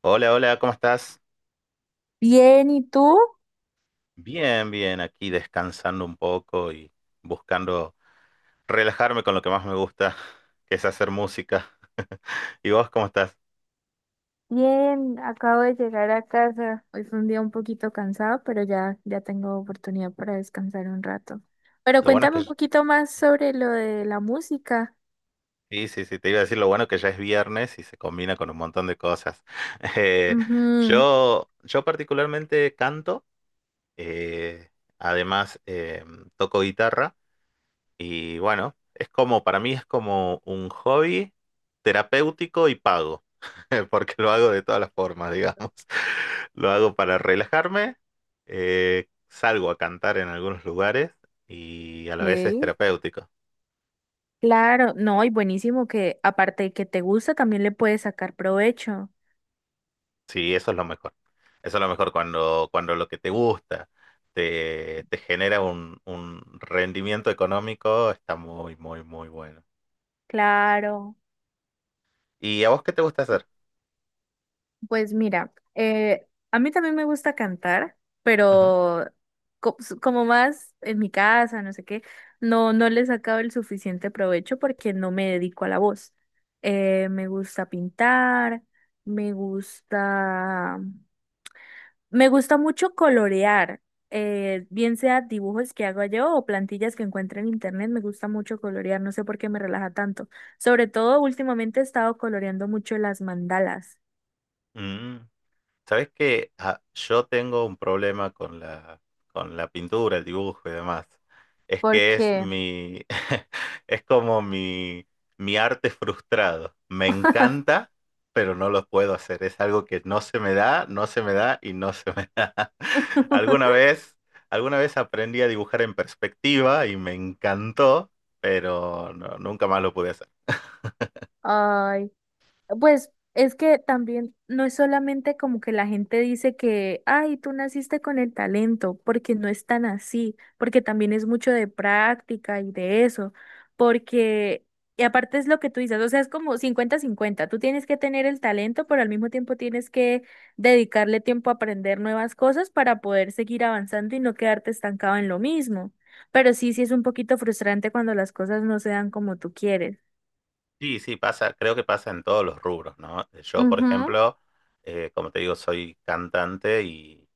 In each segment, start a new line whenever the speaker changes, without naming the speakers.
Hola, hola, ¿cómo estás?
Bien, ¿y tú?
Bien, bien, aquí descansando un poco y buscando relajarme con lo que más me gusta, que es hacer música. ¿Y vos cómo estás?
Bien, acabo de llegar a casa. Hoy fue un día un poquito cansado, pero ya tengo oportunidad para descansar un rato. Pero
Lo bueno es
cuéntame un
que,
poquito más sobre lo de la música.
sí, sí, sí, te iba a decir lo bueno que ya es viernes y se combina con un montón de cosas. Eh,
Ujú.
yo particularmente canto, eh, además toco guitarra. Y bueno, es como, para mí es como un hobby terapéutico y pago, porque lo hago de todas las formas, digamos. Lo hago para relajarme, salgo a cantar en algunos lugares y a la vez es
Ok.
terapéutico.
Claro, no, y buenísimo que aparte de que te gusta, también le puedes sacar provecho.
Sí, eso es lo mejor. Eso es lo mejor cuando, cuando lo que te gusta te, te genera un rendimiento económico, está muy, muy, muy bueno.
Claro.
¿Y a vos qué te gusta hacer?
Pues mira, a mí también me gusta cantar,
Ujú.
pero como más en mi casa, no sé qué, no, no le he sacado el suficiente provecho porque no me dedico a la voz. Me gusta pintar, me gusta, me gusta mucho colorear, bien sea dibujos que hago yo o plantillas que encuentro en internet, me gusta mucho colorear, no sé por qué me relaja tanto. Sobre todo últimamente he estado coloreando mucho las mandalas.
Mm. Sabes que yo tengo un problema con la pintura, el dibujo y demás. Es que es
Porque
mi, es como mi arte frustrado. Me encanta, pero no lo puedo hacer. Es algo que no se me da, no se me da y no se me da. Alguna vez, alguna vez aprendí a dibujar en perspectiva y me encantó, pero nunca más lo pude hacer.
Ay, pues es que también no es solamente como que la gente dice que, ay, tú naciste con el talento, porque no es tan así, porque también es mucho de práctica y de eso, porque, y aparte es lo que tú dices, o sea, es como cincuenta-cincuenta, tú tienes que tener el talento, pero al mismo tiempo tienes que dedicarle tiempo a aprender nuevas cosas para poder seguir avanzando y no quedarte estancado en lo mismo. Pero sí, sí es un poquito frustrante cuando las cosas no se dan como tú quieres.
Sí, sí, pasa, creo que pasa en todos los rubros, ¿no? Yo, por
Ujú,
ejemplo, como te digo, soy cantante y,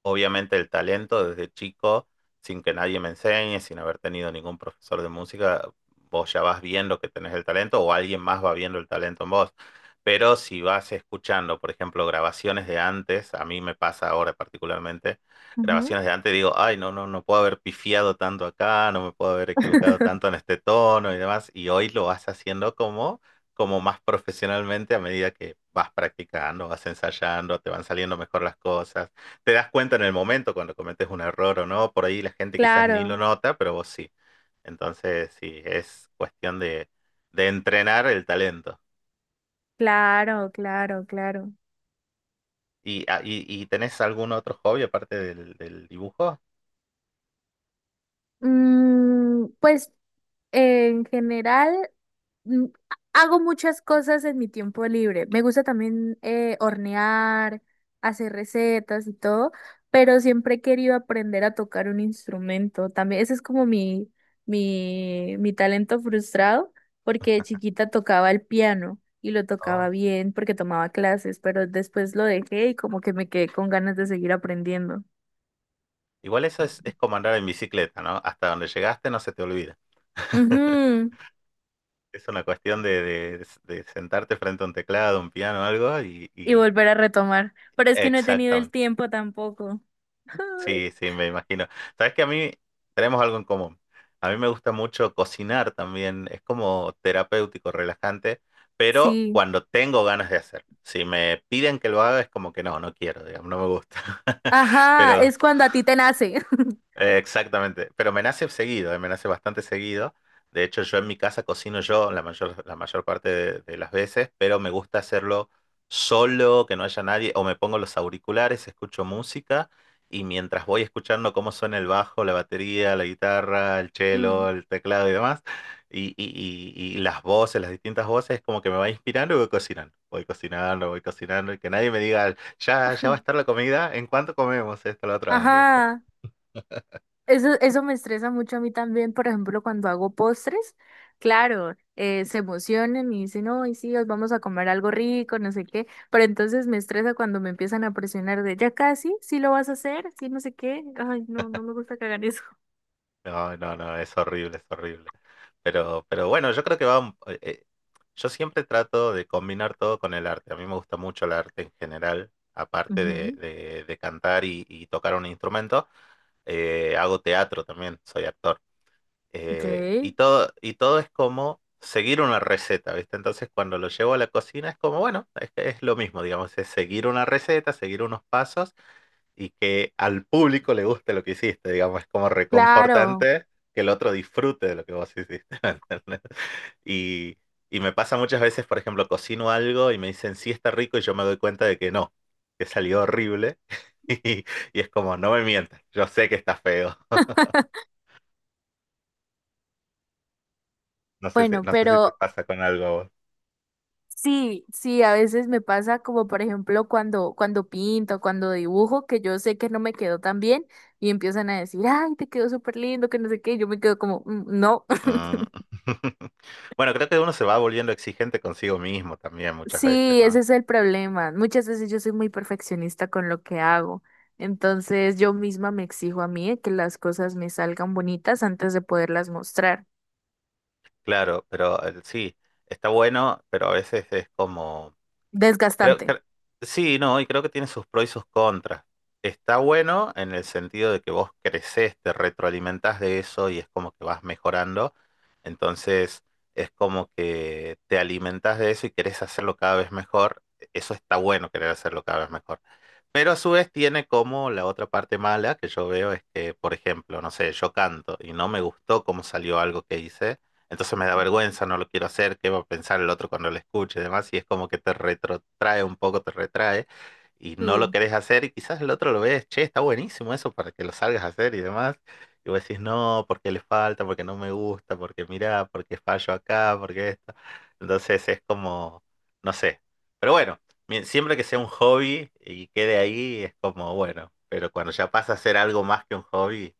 obviamente el talento desde chico, sin que nadie me enseñe, sin haber tenido ningún profesor de música, vos ya vas viendo que tenés el talento o alguien más va viendo el talento en vos. Pero si vas escuchando, por ejemplo, grabaciones de antes, a mí me pasa ahora particularmente,
ujú.
grabaciones de antes, digo, ay, no, no, no puedo haber pifiado tanto acá, no me puedo haber equivocado tanto en este tono y demás, y hoy lo vas haciendo como, como más profesionalmente a medida que vas practicando, vas ensayando, te van saliendo mejor las cosas, te das cuenta en el momento cuando cometes un error o no, por ahí la gente quizás ni lo
Claro,
nota, pero vos sí. Entonces, sí, es cuestión de entrenar el talento.
claro, claro, claro.
¿Y, y tenés algún otro hobby aparte del, del dibujo?
Pues en general mm, hago muchas cosas en mi tiempo libre. Me gusta también hornear, hacer recetas y todo, pero siempre he querido aprender a tocar un instrumento. También ese es como mi, talento frustrado, porque de chiquita tocaba el piano y lo tocaba
No.
bien porque tomaba clases, pero después lo dejé y como que me quedé con ganas de seguir aprendiendo.
Igual eso es como andar en bicicleta, ¿no? Hasta donde llegaste no se te olvida.
Ujú.
Es una cuestión de, de sentarte frente a un teclado, un piano, algo y
Y volver a retomar. Pero es que no he tenido el
exactamente.
tiempo tampoco.
Sí,
Ay.
sí, me imagino. Sabes que a mí tenemos algo en común. A mí me gusta mucho cocinar también. Es como terapéutico, relajante, pero
Sí.
cuando tengo ganas de hacerlo. Si me piden que lo haga, es como que no, no quiero, digamos, no me gusta.
Ajá,
Pero
es cuando a ti te nace.
exactamente, pero me nace seguido, me nace bastante seguido. De hecho, yo en mi casa cocino yo la mayor parte de las veces, pero me gusta hacerlo solo, que no haya nadie, o me pongo los auriculares, escucho música y mientras voy escuchando cómo suena el bajo, la batería, la guitarra, el cello,
Mm.
el teclado y demás, y las voces, las distintas voces, como que me va inspirando y voy cocinando, voy cocinando, voy cocinando, y que nadie me diga, ya, ya va a estar la comida, ¿en cuánto comemos esto, lo otro? Ay,
Ajá, eso me estresa mucho a mí también, por ejemplo, cuando hago postres, claro, se emocionan y dicen, no, y sí, os vamos a comer algo rico, no sé qué, pero entonces me estresa cuando me empiezan a presionar de, ya casi, sí lo vas a hacer, sí, no sé qué, ay, no, no me gusta que hagan eso.
no, no, no, es horrible, es horrible. Pero bueno, yo creo que va. Yo siempre trato de combinar todo con el arte. A mí me gusta mucho el arte en general. Aparte de,
Ujú.
de cantar y tocar un instrumento, hago teatro también, soy actor.
Ok,
Y todo, y todo es como seguir una receta, ¿viste? Entonces, cuando lo llevo a la cocina es como, bueno, es lo mismo, digamos, es seguir una receta, seguir unos pasos y que al público le guste lo que hiciste, digamos, es como
claro,
reconfortante que el otro disfrute de lo que vos hiciste, ¿me entendés? Y, y me pasa muchas veces, por ejemplo, cocino algo y me dicen, sí está rico, y yo me doy cuenta de que no, que salió horrible, y, y es como, no me mientas, yo sé que está feo, no sé si,
bueno,
no sé si te
pero
pasa con algo a vos.
sí, sí, a veces me pasa como por ejemplo cuando pinto, cuando dibujo, que yo sé que no me quedó tan bien y empiezan a decir, ay, te quedó súper lindo, que no sé qué, y yo me quedo como, "Mm, no."
Mm. Bueno, creo que uno se va volviendo exigente consigo mismo también muchas veces,
Sí, ese
¿no?
es el problema. Muchas veces yo soy muy perfeccionista con lo que hago, entonces yo misma me exijo a mí que las cosas me salgan bonitas antes de poderlas mostrar.
Claro, pero sí, está bueno, pero a veces es como... Creo,
Desgastante.
cre- sí, no, y creo que tiene sus pros y sus contras. Está bueno en el sentido de que vos creces, te retroalimentás de eso y es como que vas mejorando. Entonces es como que te alimentás de eso y querés hacerlo cada vez mejor. Eso está bueno, querer hacerlo cada vez mejor. Pero a su vez tiene como la otra parte mala que yo veo es que, por ejemplo, no sé, yo canto y no me gustó cómo salió algo que hice, entonces me da vergüenza, no lo quiero hacer, qué va a pensar el otro cuando lo escuche y demás, y es como que te retrotrae un poco, te retrae y no lo
Sí,
querés hacer y quizás el otro lo ves, che, está buenísimo eso para que lo salgas a hacer y demás, y vos decís, no, porque le falta, porque no me gusta, porque mirá, porque fallo acá, porque esto, entonces es como, no sé, pero bueno. Siempre que sea un hobby y quede ahí, es como bueno, pero cuando ya pasa a ser algo más que un hobby,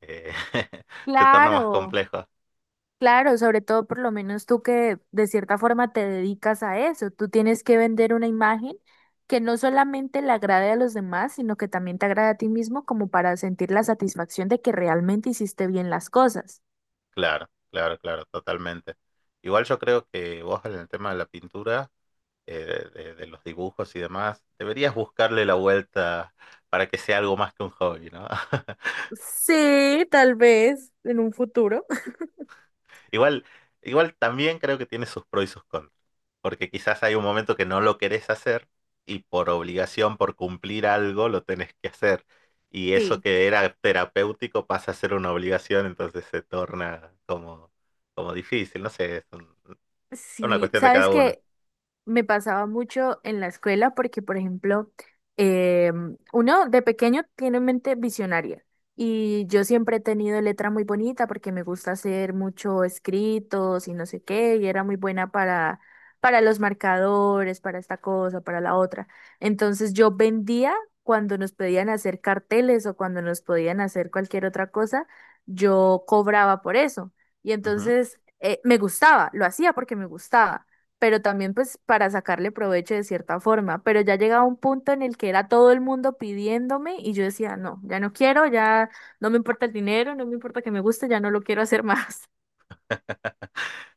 eh, se torna más
claro.
complejo.
Claro, sobre todo por lo menos tú que de cierta forma te dedicas a eso, tú tienes que vender una imagen que no solamente le agrade a los demás, sino que también te agrade a ti mismo como para sentir la satisfacción de que realmente hiciste bien las cosas.
Claro, claro, claro, totalmente. Igual yo creo que vos en el tema de la pintura, de los dibujos y demás, deberías buscarle la vuelta para que sea algo más que un hobby, ¿no?
Sí, tal vez en un futuro.
Igual, igual también creo que tiene sus pros y sus contras, porque quizás hay un momento que no lo querés hacer y por obligación, por cumplir algo, lo tenés que hacer. Y eso
Sí,
que era terapéutico pasa a ser una obligación, entonces se torna como, como difícil, no sé, una
sí,
cuestión de
sabes
cada uno.
que me pasaba mucho en la escuela porque, por ejemplo, uno de pequeño tiene mente visionaria y yo siempre he tenido letra muy bonita porque me gusta hacer mucho escritos y no sé qué, y era muy buena para, los marcadores, para esta cosa, para la otra. Entonces yo vendía cuando nos pedían hacer carteles o cuando nos podían hacer cualquier otra cosa, yo cobraba por eso. Y
Ujú.
entonces me gustaba, lo hacía porque me gustaba pero también pues para sacarle provecho de cierta forma. Pero ya llegaba un punto en el que era todo el mundo pidiéndome y yo decía, no, ya no quiero, ya no me importa el dinero, no me importa que me guste, ya no lo quiero hacer más.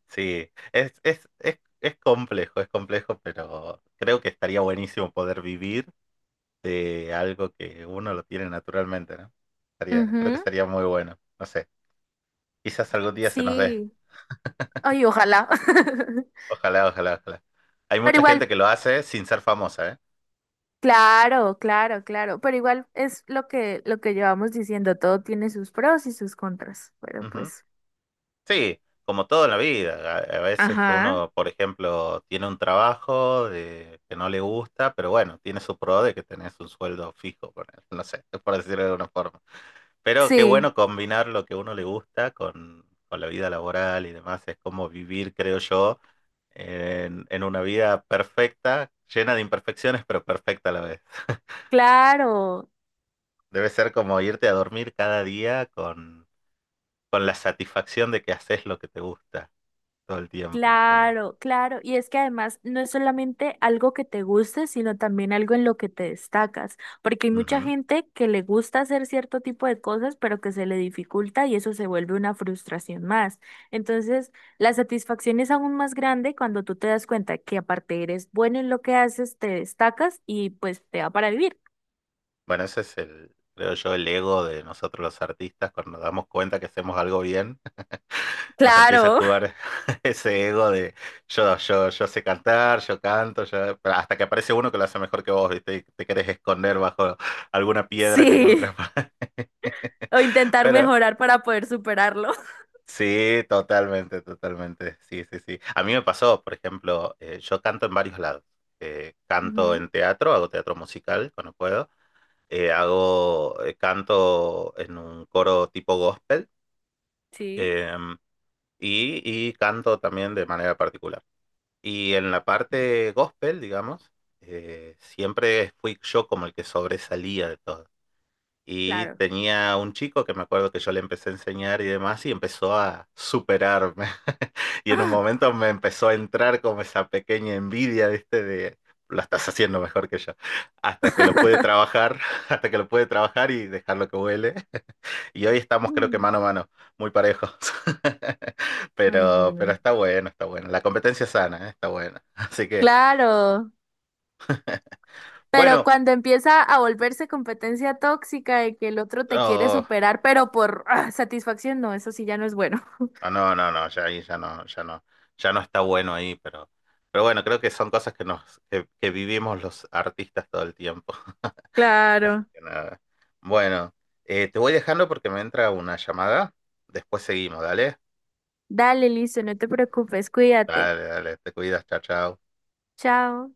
Sí, es complejo, pero creo que estaría buenísimo poder vivir de algo que uno lo tiene naturalmente, ¿no? Creo que
Ujú.
sería muy bueno. No sé. Quizás algún día se nos dé.
Sí, ay, ojalá.
Ojalá, ojalá, ojalá. Hay
Pero
mucha gente
igual,
que lo hace sin ser famosa, ¿eh?
claro, claro, claro, pero igual es lo que llevamos diciendo, todo tiene sus pros y sus contras, pero
Ujú.
pues,
Sí, como todo en la vida. A veces
ajá,
uno, por ejemplo, tiene un trabajo que no le gusta, pero bueno, tiene su pro de que tenés un sueldo fijo, por, no sé, por decirlo de alguna forma. Pero qué
sí,
bueno combinar lo que uno le gusta con la vida laboral y demás. Es como vivir, creo yo, en una vida perfecta, llena de imperfecciones, pero perfecta a la vez.
claro.
Debe ser como irte a dormir cada día con la satisfacción de que haces lo que te gusta todo el tiempo. Es como,
Claro, claro. Y es que además no es solamente algo que te guste, sino también algo en lo que te destacas, porque hay mucha
ujú.
gente que le gusta hacer cierto tipo de cosas, pero que se le dificulta y eso se vuelve una frustración más. Entonces, la satisfacción es aún más grande cuando tú te das cuenta que aparte eres bueno en lo que haces, te destacas y pues te da para vivir.
Bueno, ese es el, creo yo, el ego de nosotros los artistas. Cuando nos damos cuenta que hacemos algo bien, nos empieza a
Claro,
jugar ese ego de yo, yo, yo sé cantar, yo canto, yo, pero hasta que aparece uno que lo hace mejor que vos, ¿viste? Y te querés esconder bajo alguna piedra que
sí.
encontrás.
O intentar
Pero
mejorar para poder superarlo.
sí, totalmente, totalmente. Sí, sí, sí. A mí me pasó, por ejemplo, yo canto en varios lados. Canto
Ujú.
en teatro, hago teatro musical cuando puedo. Canto en un coro tipo gospel
Sí,
em, y canto también de manera particular. Y en la parte gospel, digamos, siempre fui yo como el que sobresalía de todo y
claro.
tenía un chico que me acuerdo que yo le empecé a enseñar y demás y empezó a superarme. Y en un
Ah.
momento me empezó a entrar como esa pequeña envidia, ¿viste? De lo estás haciendo mejor que yo. Hasta que lo pude trabajar, hasta que lo pude trabajar y dejarlo que huele. Y hoy estamos creo que
Mm.
mano a mano, muy parejos.
Ay,
Pero
no.
está bueno, está bueno. La competencia sana, ¿eh? Está buena. Así que,
Claro, pero
bueno.
cuando empieza a volverse competencia tóxica de que el otro te quiere
oh,
superar, pero por satisfacción, no, eso sí ya no es bueno.
Ah, no, no, no, ya ahí ya no, ya no, ya no está bueno ahí, pero bueno, creo que son cosas que nos, que vivimos los artistas todo el tiempo. Así
Claro.
que nada. Bueno, te voy dejando porque me entra una llamada. Después seguimos, dale.
Dale, listo, no te preocupes, cuídate.
Dale, dale, te cuidas, chao, chao.
Chao.